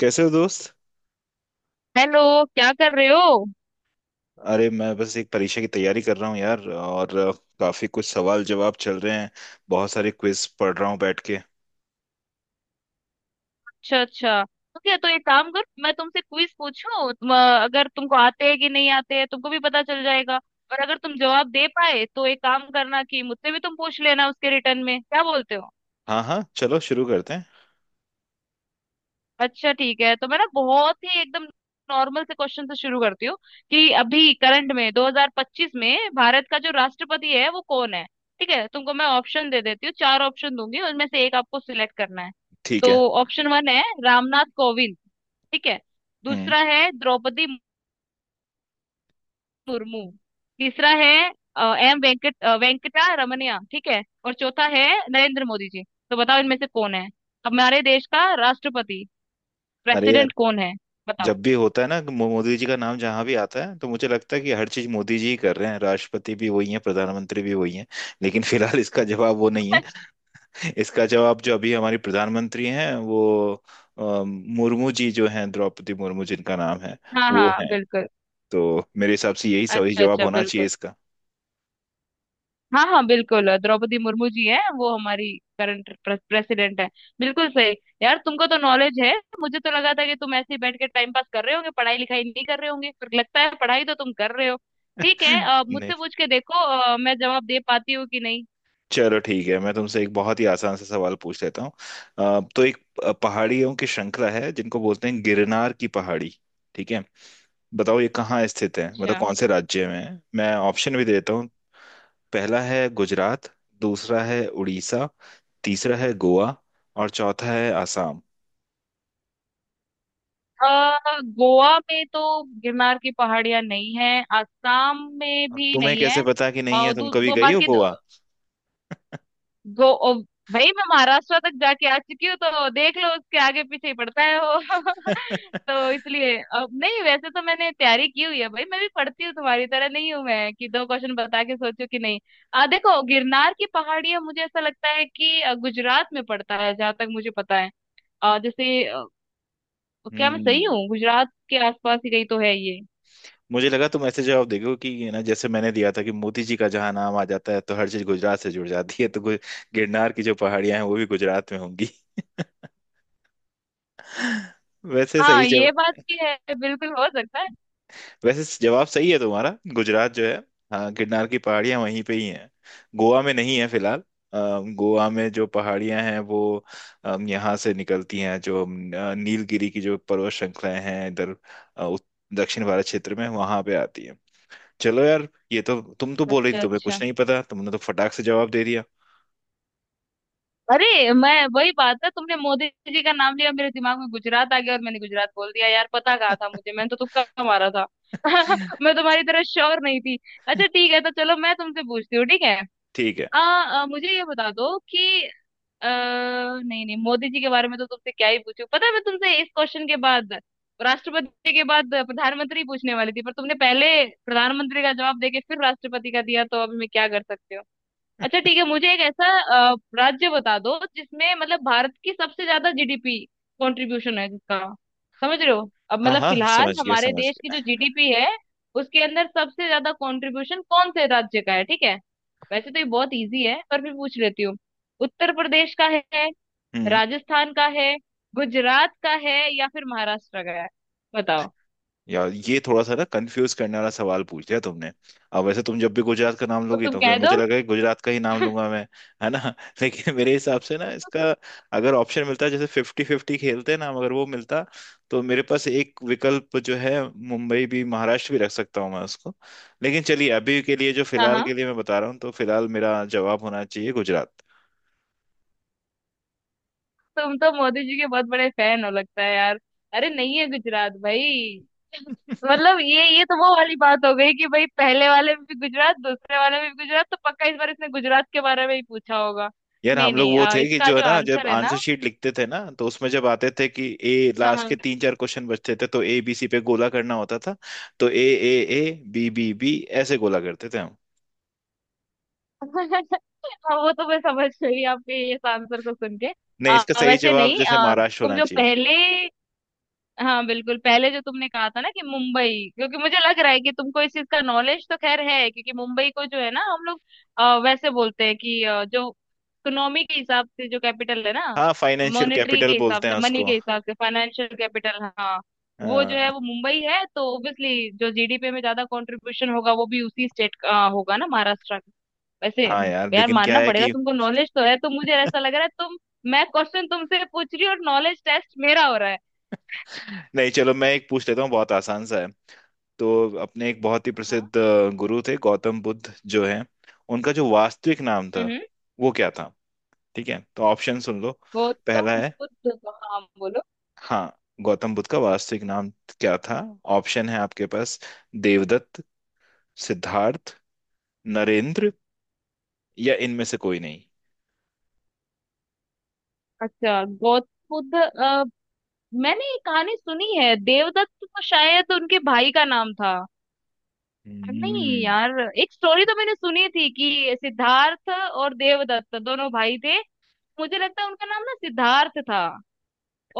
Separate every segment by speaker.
Speaker 1: कैसे हो दोस्त।
Speaker 2: हेलो। क्या कर रहे हो?
Speaker 1: अरे मैं बस एक परीक्षा की तैयारी कर रहा हूँ यार और काफी कुछ सवाल जवाब चल रहे हैं। बहुत सारे क्विज पढ़ रहा हूँ बैठ के।
Speaker 2: अच्छा अच्छा, ठीक है। तो एक काम कर, मैं तुमसे क्विज पूछूं। अगर तुमको आते हैं कि नहीं आते हैं तुमको भी पता चल जाएगा। और अगर तुम जवाब दे पाए तो एक काम करना कि मुझसे भी तुम पूछ लेना उसके रिटर्न में, क्या बोलते हो?
Speaker 1: हाँ हाँ, चलो शुरू करते हैं।
Speaker 2: अच्छा ठीक है। तो मैं ना बहुत ही एकदम नॉर्मल से क्वेश्चन से शुरू करती हूँ कि अभी करंट में 2025 में भारत का जो राष्ट्रपति है वो कौन है। ठीक है, तुमको मैं ऑप्शन दे देती हूँ। चार ऑप्शन दूंगी, उनमें से एक आपको सिलेक्ट करना है।
Speaker 1: ठीक है।
Speaker 2: तो ऑप्शन वन है रामनाथ कोविंद, ठीक है।
Speaker 1: हम्म।
Speaker 2: दूसरा है द्रौपदी मुर्मू। तीसरा है अ, एम वेंकट वेंकटा रमनिया, ठीक है। और चौथा है नरेंद्र मोदी जी। तो बताओ इनमें से कौन है हमारे देश का राष्ट्रपति,
Speaker 1: अरे यार,
Speaker 2: प्रेसिडेंट कौन है? बताओ।
Speaker 1: जब भी होता है ना मोदी जी का नाम जहाँ भी आता है तो मुझे लगता है कि हर चीज मोदी जी ही कर रहे हैं, राष्ट्रपति भी वही हैं, प्रधानमंत्री भी वही हैं। लेकिन फिलहाल इसका जवाब वो नहीं है। इसका जवाब जो अभी हमारी प्रधानमंत्री हैं वो मुर्मू जी जो हैं, द्रौपदी मुर्मू जिनका नाम है,
Speaker 2: हाँ
Speaker 1: वो
Speaker 2: हाँ
Speaker 1: हैं।
Speaker 2: बिल्कुल।
Speaker 1: तो मेरे हिसाब से यही सही
Speaker 2: अच्छा
Speaker 1: जवाब
Speaker 2: अच्छा,
Speaker 1: होना चाहिए
Speaker 2: बिल्कुल।
Speaker 1: इसका।
Speaker 2: हाँ हाँ बिल्कुल, द्रौपदी मुर्मू जी हैं वो हमारी करंट प्रेसिडेंट है। बिल्कुल सही। यार तुमको तो नॉलेज है। मुझे तो लगा था कि तुम ऐसे ही बैठ के टाइम पास कर रहे होंगे, पढ़ाई लिखाई नहीं कर रहे होंगे, पर लगता है पढ़ाई तो तुम कर रहे हो। ठीक है,
Speaker 1: नहीं।
Speaker 2: मुझसे पूछ के देखो मैं जवाब दे पाती हूँ कि नहीं।
Speaker 1: चलो ठीक है, मैं तुमसे एक बहुत ही आसान सा सवाल पूछ लेता हूँ। तो एक पहाड़ियों की श्रृंखला है जिनको बोलते हैं गिरनार की पहाड़ी। ठीक है, बताओ ये कहाँ स्थित है, मतलब
Speaker 2: अच्छा,
Speaker 1: कौन से राज्य में है। मैं ऑप्शन भी देता हूँ। पहला है गुजरात, दूसरा है उड़ीसा, तीसरा है गोवा, और चौथा है आसाम।
Speaker 2: गोवा में तो गिरनार की पहाड़ियां नहीं है, आसाम में भी
Speaker 1: तुम्हें
Speaker 2: नहीं
Speaker 1: कैसे
Speaker 2: है।
Speaker 1: पता कि नहीं
Speaker 2: और
Speaker 1: है? तुम
Speaker 2: दो,
Speaker 1: कभी
Speaker 2: दो
Speaker 1: गई हो
Speaker 2: बाकी।
Speaker 1: गोवा?
Speaker 2: गो ओ, भाई मैं महाराष्ट्र तक जाके आ चुकी हूँ तो देख लो उसके आगे पीछे ही पड़ता है वो। तो इसलिए अब नहीं, वैसे तो मैंने तैयारी की हुई है भाई, मैं भी पढ़ती हूँ, तुम्हारी तरह नहीं हूँ मैं कि दो क्वेश्चन बता के सोचो कि नहीं। आ देखो, गिरनार की पहाड़ियां मुझे ऐसा लगता है कि गुजरात में पड़ता है, जहां तक मुझे पता है। आ, जैसे अ, क्या मैं सही
Speaker 1: हम्म।
Speaker 2: हूँ? गुजरात के आसपास ही कहीं तो है ये।
Speaker 1: मुझे लगा तुम ऐसे जवाब देखो कि ये ना, जैसे मैंने दिया था कि मोती जी का जहाँ नाम आ जाता है तो हर चीज गुजरात से जुड़ जाती है, तो गिरनार की जो पहाड़ियां हैं वो भी गुजरात में होंगी। वैसे सही
Speaker 2: हाँ ये बात
Speaker 1: जवाब,
Speaker 2: भी है, बिल्कुल हो सकता है।
Speaker 1: वैसे जवाब सही है तुम्हारा, गुजरात जो है। हाँ, गिरनार की पहाड़ियां वहीं पे ही हैं। गोवा में नहीं है फिलहाल। अ, गोवा में जो पहाड़ियां हैं वो यहाँ से निकलती हैं, जो नीलगिरी की जो पर्वत श्रृंखलाएं हैं इधर, अ, उत- दक्षिण भारत क्षेत्र में वहां पे आती है। चलो यार, ये तो तुम तो बोल रही थी
Speaker 2: अच्छा
Speaker 1: तुम्हें
Speaker 2: अच्छा।
Speaker 1: कुछ नहीं पता, तुमने तो फटाक से जवाब दे दिया।
Speaker 2: अरे मैं, वही बात है, तुमने मोदी जी का नाम लिया मेरे दिमाग में गुजरात आ गया और मैंने गुजरात बोल दिया। यार पता कहा था मुझे, मैंने तो तुक्का मारा था। मैं तुम्हारी तरह श्योर नहीं थी। अच्छा ठीक है, तो चलो मैं तुमसे पूछती हूँ, ठीक है।
Speaker 1: ठीक है।
Speaker 2: आ, आ, मुझे ये बता दो कि नहीं नहीं, मोदी जी के बारे में तो तुमसे क्या ही पूछूं। पता है मैं तुमसे इस क्वेश्चन के बाद, राष्ट्रपति के बाद प्रधानमंत्री पूछने वाली थी, पर तुमने पहले प्रधानमंत्री का जवाब देके फिर राष्ट्रपति का दिया, तो अभी मैं क्या कर सकती हूँ। अच्छा ठीक है, मुझे एक ऐसा राज्य बता दो जिसमें मतलब भारत की सबसे ज्यादा जीडीपी कंट्रीब्यूशन है जिसका, समझ रहे हो? अब
Speaker 1: हाँ
Speaker 2: मतलब
Speaker 1: हाँ,
Speaker 2: फिलहाल
Speaker 1: समझ गया
Speaker 2: हमारे
Speaker 1: समझ
Speaker 2: देश की
Speaker 1: गया।
Speaker 2: जो जीडीपी है उसके अंदर सबसे ज्यादा कंट्रीब्यूशन कौन से राज्य का है, ठीक है। वैसे तो ये बहुत इजी है पर भी पूछ लेती हूँ। उत्तर प्रदेश का है,
Speaker 1: हम्म।
Speaker 2: राजस्थान का है, गुजरात का है, या फिर महाराष्ट्र का है? बताओ।
Speaker 1: यार, ये थोड़ा सा ना कंफ्यूज करने वाला सवाल पूछ दिया तुमने। अब वैसे तुम जब भी गुजरात का नाम
Speaker 2: तो
Speaker 1: लोगी
Speaker 2: तुम
Speaker 1: तो फिर
Speaker 2: कह दो।
Speaker 1: मुझे लगा कि गुजरात का ही नाम लूंगा मैं। है ना? लेकिन मेरे हिसाब से ना इसका, अगर ऑप्शन मिलता जैसे फिफ्टी फिफ्टी खेलते हैं ना हम, अगर वो मिलता तो मेरे पास एक विकल्प जो है, मुंबई भी महाराष्ट्र भी रख सकता हूँ मैं उसको। लेकिन चलिए अभी के लिए, जो
Speaker 2: हाँ
Speaker 1: फिलहाल
Speaker 2: हाँ,
Speaker 1: के लिए मैं बता रहा हूँ, तो फिलहाल मेरा जवाब होना चाहिए गुजरात।
Speaker 2: तुम तो मोदी जी के बहुत बड़े फैन हो लगता है यार। अरे नहीं है गुजरात भाई। मतलब ये तो वो वाली बात हो गई कि भाई पहले वाले में भी गुजरात, दूसरे वाले में भी गुजरात, तो पक्का इस बार इसने गुजरात के बारे में ही पूछा होगा।
Speaker 1: यार
Speaker 2: नहीं
Speaker 1: हम लोग
Speaker 2: नहीं,
Speaker 1: वो थे कि
Speaker 2: इसका
Speaker 1: जो है
Speaker 2: जो
Speaker 1: ना, जब
Speaker 2: आंसर है
Speaker 1: आंसर
Speaker 2: ना,
Speaker 1: शीट लिखते थे ना, तो उसमें जब आते थे कि ए
Speaker 2: हाँ
Speaker 1: लास्ट के
Speaker 2: हाँ।
Speaker 1: तीन चार क्वेश्चन बचते थे तो ए बी सी पे गोला करना होता था। तो A, A, A B B B ऐसे गोला करते थे हम।
Speaker 2: हाँ, वो तो मैं समझ गई आपके इस आंसर को सुन के।
Speaker 1: नहीं, इसका
Speaker 2: अ,
Speaker 1: सही
Speaker 2: वैसे
Speaker 1: जवाब
Speaker 2: नहीं
Speaker 1: जैसे
Speaker 2: अ,
Speaker 1: महाराष्ट्र
Speaker 2: तुम
Speaker 1: होना
Speaker 2: जो
Speaker 1: चाहिए।
Speaker 2: पहले, हाँ बिल्कुल, पहले जो तुमने कहा था ना कि मुंबई, क्योंकि मुझे लग रहा है कि तुमको इस चीज का नॉलेज तो खैर है, क्योंकि मुंबई को जो है ना हम लोग वैसे बोलते हैं कि जो इकोनॉमी के हिसाब से जो कैपिटल है ना,
Speaker 1: हाँ, फाइनेंशियल
Speaker 2: मॉनेटरी के
Speaker 1: कैपिटल
Speaker 2: हिसाब
Speaker 1: बोलते हैं
Speaker 2: से, मनी
Speaker 1: उसको।
Speaker 2: के हिसाब से फाइनेंशियल कैपिटल, हाँ। वो जो है
Speaker 1: हाँ
Speaker 2: वो मुंबई है, तो ऑब्वियसली जो जीडीपी में ज्यादा कंट्रीब्यूशन होगा वो भी उसी स्टेट का होगा ना, महाराष्ट्र का। वैसे,
Speaker 1: हाँ यार,
Speaker 2: यार
Speaker 1: लेकिन क्या
Speaker 2: मानना
Speaker 1: है
Speaker 2: पड़ेगा,
Speaker 1: कि
Speaker 2: तुमको नॉलेज तो है। तो मुझे ऐसा लग रहा है तुम, मैं क्वेश्चन तुमसे पूछ रही हूँ और नॉलेज टेस्ट मेरा हो रहा
Speaker 1: नहीं, चलो मैं एक पूछ लेता हूँ, बहुत आसान सा है। तो अपने एक बहुत ही
Speaker 2: है।
Speaker 1: प्रसिद्ध गुरु थे गौतम बुद्ध जो है, उनका जो वास्तविक नाम था
Speaker 2: हम्म।
Speaker 1: वो क्या था? ठीक है, तो ऑप्शन सुन लो। पहला
Speaker 2: गौतम
Speaker 1: है,
Speaker 2: बुद्ध का, हाँ बोलो।
Speaker 1: हाँ, गौतम बुद्ध का वास्तविक नाम क्या था? ऑप्शन है आपके पास, देवदत्त, सिद्धार्थ, नरेंद्र, या इनमें से कोई नहीं।
Speaker 2: अच्छा, गौतम बुद्ध, मैंने ये कहानी सुनी है, देवदत्त तो शायद उनके भाई का नाम था। नहीं
Speaker 1: हम्म।
Speaker 2: यार, एक स्टोरी तो मैंने सुनी थी कि सिद्धार्थ और देवदत्त दोनों भाई थे। मुझे लगता है उनका नाम ना सिद्धार्थ था,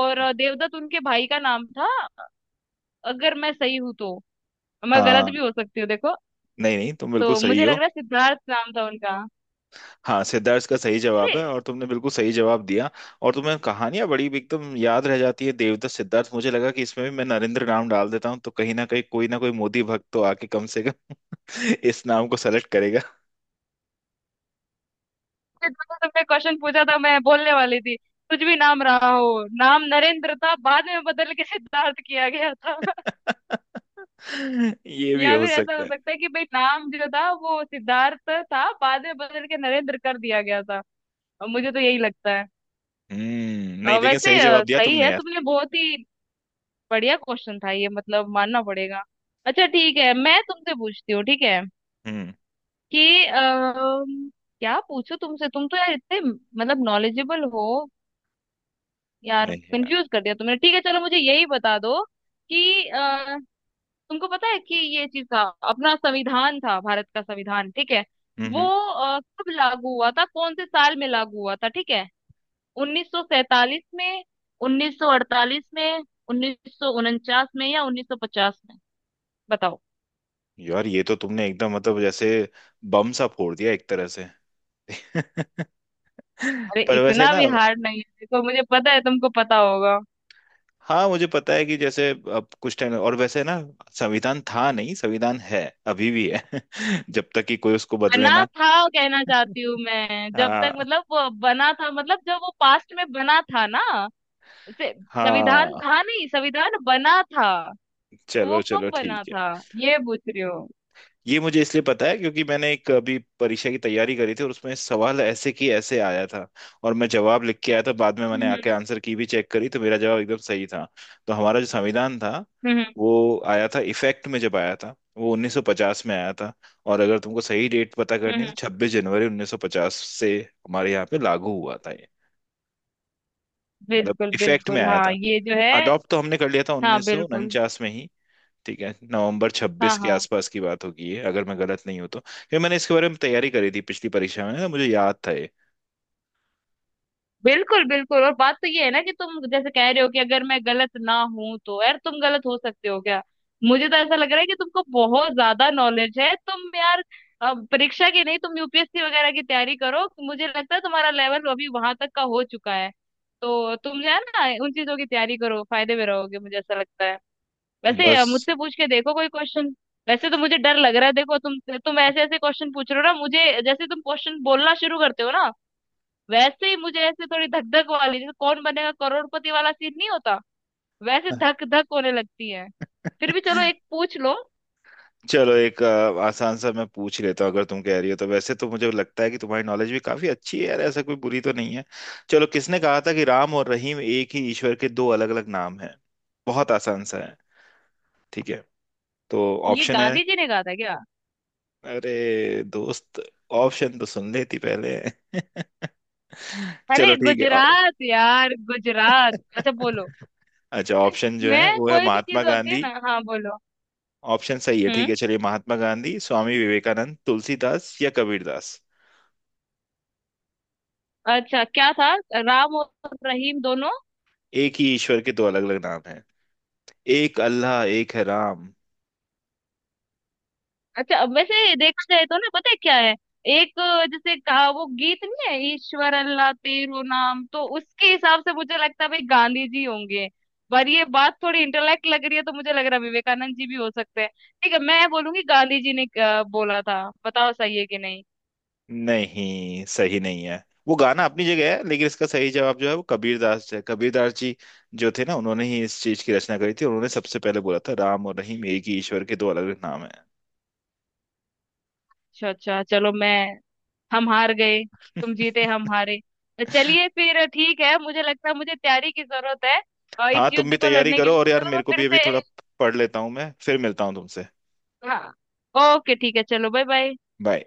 Speaker 2: और देवदत्त उनके भाई का नाम था। अगर मैं सही हूं तो, मैं गलत
Speaker 1: हाँ।
Speaker 2: भी हो सकती हूँ, देखो।
Speaker 1: नहीं नहीं, तुम बिल्कुल
Speaker 2: तो
Speaker 1: सही
Speaker 2: मुझे लग
Speaker 1: हो।
Speaker 2: रहा है सिद्धार्थ नाम था उनका।
Speaker 1: हाँ, सिद्धार्थ का सही
Speaker 2: अरे,
Speaker 1: जवाब है और तुमने बिल्कुल सही जवाब दिया। और तुम्हें कहानियां बड़ी भी एकदम याद रह जाती है। देवदत्त, सिद्धार्थ, मुझे लगा कि इसमें भी मैं नरेंद्र नाम डाल देता हूँ तो कहीं ना कहीं कोई ना कोई मोदी भक्त तो आके कम से कम इस नाम को सेलेक्ट करेगा।
Speaker 2: जो तुमने क्वेश्चन पूछा था मैं बोलने वाली थी, कुछ भी नाम रहा हो, नाम नरेंद्र था बाद में बदल के सिद्धार्थ किया गया था।
Speaker 1: ये भी
Speaker 2: या
Speaker 1: हो
Speaker 2: फिर ऐसा
Speaker 1: सकता
Speaker 2: हो
Speaker 1: है।
Speaker 2: सकता है कि भाई नाम जो था वो सिद्धार्थ था, बाद में बदल के नरेंद्र कर दिया गया था। और मुझे तो यही लगता है।
Speaker 1: हम्म। नहीं, लेकिन सही जवाब दिया
Speaker 2: सही
Speaker 1: तुमने
Speaker 2: है
Speaker 1: यार।
Speaker 2: तुमने, बहुत ही बढ़िया क्वेश्चन था ये, मतलब मानना पड़ेगा। अच्छा ठीक है, मैं तुमसे पूछती हूँ, ठीक है।
Speaker 1: हम्म।
Speaker 2: कि क्या पूछो तुमसे, तुम तो यार इतने मतलब नॉलेजेबल हो। यार
Speaker 1: नहीं यार।
Speaker 2: कंफ्यूज कर दिया तुमने। ठीक है चलो, मुझे यही बता दो कि तुमको पता है कि ये चीज था, अपना संविधान था, भारत का संविधान, ठीक है।
Speaker 1: हम्म
Speaker 2: वो
Speaker 1: हम्म।
Speaker 2: कब लागू हुआ था, कौन से साल में लागू हुआ था, ठीक है। 1947 में, 1948 में, 1949 में, या 1950 में? बताओ।
Speaker 1: यार ये तो तुमने एकदम मतलब जैसे बम सा फोड़ दिया एक तरह से।
Speaker 2: अरे
Speaker 1: पर वैसे
Speaker 2: इतना
Speaker 1: ना,
Speaker 2: भी हार्ड नहीं है, देखो मुझे पता है तुमको पता होगा।
Speaker 1: हाँ मुझे पता है कि जैसे, अब कुछ टाइम और वैसे ना, संविधान था नहीं, संविधान है अभी भी है। जब तक कि कोई उसको बदले
Speaker 2: बना
Speaker 1: ना।
Speaker 2: था, कहना चाहती हूँ मैं, जब तक
Speaker 1: हाँ
Speaker 2: मतलब वो बना था मतलब जब वो पास्ट में बना था ना, से- संविधान था
Speaker 1: हाँ।
Speaker 2: नहीं संविधान बना था, तो वो
Speaker 1: चलो
Speaker 2: कब
Speaker 1: चलो
Speaker 2: बना
Speaker 1: ठीक है।
Speaker 2: था, ये पूछ रही हो।
Speaker 1: ये मुझे इसलिए पता है क्योंकि मैंने एक अभी परीक्षा की तैयारी करी थी और उसमें सवाल ऐसे की ऐसे आया था और मैं जवाब लिख के आया था। बाद में मैंने
Speaker 2: हम्म
Speaker 1: आके आंसर की भी चेक करी तो मेरा जवाब एकदम सही था। तो हमारा जो संविधान था
Speaker 2: हम्म। हम्म,
Speaker 1: वो आया था इफेक्ट में, जब आया था वो 1950 में आया था। और अगर तुमको सही डेट पता
Speaker 2: हम्म।
Speaker 1: करनी है तो
Speaker 2: हम्म।
Speaker 1: 26 जनवरी 1950 से हमारे यहाँ पे लागू हुआ था ये, मतलब
Speaker 2: बिल्कुल
Speaker 1: इफेक्ट में
Speaker 2: बिल्कुल।
Speaker 1: आया
Speaker 2: हाँ
Speaker 1: था।
Speaker 2: ये जो है,
Speaker 1: अडॉप्ट तो हमने कर लिया था
Speaker 2: हाँ बिल्कुल।
Speaker 1: 1949 में ही। ठीक है, नवंबर
Speaker 2: हाँ
Speaker 1: छब्बीस के
Speaker 2: हाँ
Speaker 1: आसपास की बात होगी ये, अगर मैं गलत नहीं हूं तो, क्योंकि मैंने इसके बारे में तैयारी करी थी पिछली परीक्षा में ना, मुझे याद था ये।
Speaker 2: बिल्कुल बिल्कुल। और बात तो ये है ना कि तुम जैसे कह रहे हो कि अगर मैं गलत ना हूं तो, यार तुम गलत हो सकते हो क्या? मुझे तो ऐसा लग रहा है कि तुमको बहुत ज्यादा नॉलेज है तुम यार। परीक्षा की नहीं, तुम यूपीएससी वगैरह की तैयारी करो, मुझे लगता है तुम्हारा लेवल अभी वहां तक का हो चुका है। तो तुम जो है ना उन चीजों की तैयारी करो फायदे में रहोगे, मुझे ऐसा लगता है। वैसे
Speaker 1: बस।
Speaker 2: मुझसे पूछ के देखो कोई क्वेश्चन। वैसे तो मुझे डर लग रहा है, देखो तुम ऐसे ऐसे क्वेश्चन पूछ रहे हो ना, मुझे जैसे तुम क्वेश्चन बोलना शुरू करते हो ना वैसे ही मुझे ऐसे, थोड़ी धक धक वाली जैसे कौन बनेगा करोड़पति वाला सीन नहीं होता, वैसे धक धक होने लगती है। फिर भी चलो एक पूछ लो।
Speaker 1: चलो एक आसान सा मैं पूछ लेता हूँ, अगर तुम कह रही हो तो। वैसे तो मुझे लगता है कि तुम्हारी नॉलेज भी काफी अच्छी है यार, ऐसा कोई बुरी तो नहीं है। चलो, किसने कहा था कि राम और रहीम एक ही ईश्वर के दो अलग अलग नाम हैं? बहुत आसान सा है। ठीक है, तो
Speaker 2: ये
Speaker 1: ऑप्शन है,
Speaker 2: गांधी जी ने कहा था क्या?
Speaker 1: अरे दोस्त, ऑप्शन तो सुन लेती पहले।
Speaker 2: अरे
Speaker 1: चलो ठीक है।
Speaker 2: गुजरात यार, गुजरात। अच्छा बोलो।
Speaker 1: अच्छा, ऑप्शन जो है
Speaker 2: मैं,
Speaker 1: वो है
Speaker 2: कोई भी चीज
Speaker 1: महात्मा
Speaker 2: होती है
Speaker 1: गांधी।
Speaker 2: ना, हाँ बोलो।
Speaker 1: ऑप्शन सही है ठीक
Speaker 2: हम्म।
Speaker 1: है, चलिए, महात्मा गांधी, स्वामी विवेकानंद, तुलसीदास, या कबीरदास।
Speaker 2: अच्छा क्या था, राम और रहीम दोनों।
Speaker 1: एक ही ईश्वर के दो अलग अलग नाम हैं, एक अल्लाह एक है राम।
Speaker 2: अच्छा अब वैसे देखा जाए तो ना, पता है क्या है, एक जैसे का वो गीत नहीं है ईश्वर अल्लाह तेरो नाम, तो उसके हिसाब से मुझे लगता है भाई गांधी जी होंगे। पर ये बात थोड़ी इंटेलेक्ट लग रही है तो मुझे लग रहा है विवेकानंद जी भी हो सकते हैं। ठीक है मैं बोलूंगी गांधी जी ने बोला था, बताओ सही है कि नहीं।
Speaker 1: नहीं, सही नहीं है, वो गाना अपनी जगह है, लेकिन इसका सही जवाब जो है वो कबीरदास है। कबीरदास जी जो थे ना, उन्होंने ही इस चीज की रचना करी थी, उन्होंने सबसे पहले बोला था राम और रहीम एक ही ईश्वर के दो अलग अलग नाम हैं।
Speaker 2: अच्छा अच्छा, चलो मैं, हम हार गए। तुम जीते, हम हारे। तो चलिए फिर ठीक है, मुझे लगता है मुझे तैयारी की जरूरत है इस
Speaker 1: हाँ, तुम भी
Speaker 2: युद्ध को
Speaker 1: तैयारी
Speaker 2: लड़ने के
Speaker 1: करो
Speaker 2: लिए।
Speaker 1: और यार
Speaker 2: चलो
Speaker 1: मेरे
Speaker 2: मैं
Speaker 1: को
Speaker 2: फिर
Speaker 1: भी अभी
Speaker 2: से,
Speaker 1: थोड़ा पढ़ लेता हूँ मैं, फिर मिलता हूँ तुमसे।
Speaker 2: हाँ ओके ठीक है, चलो बाय बाय।
Speaker 1: बाय।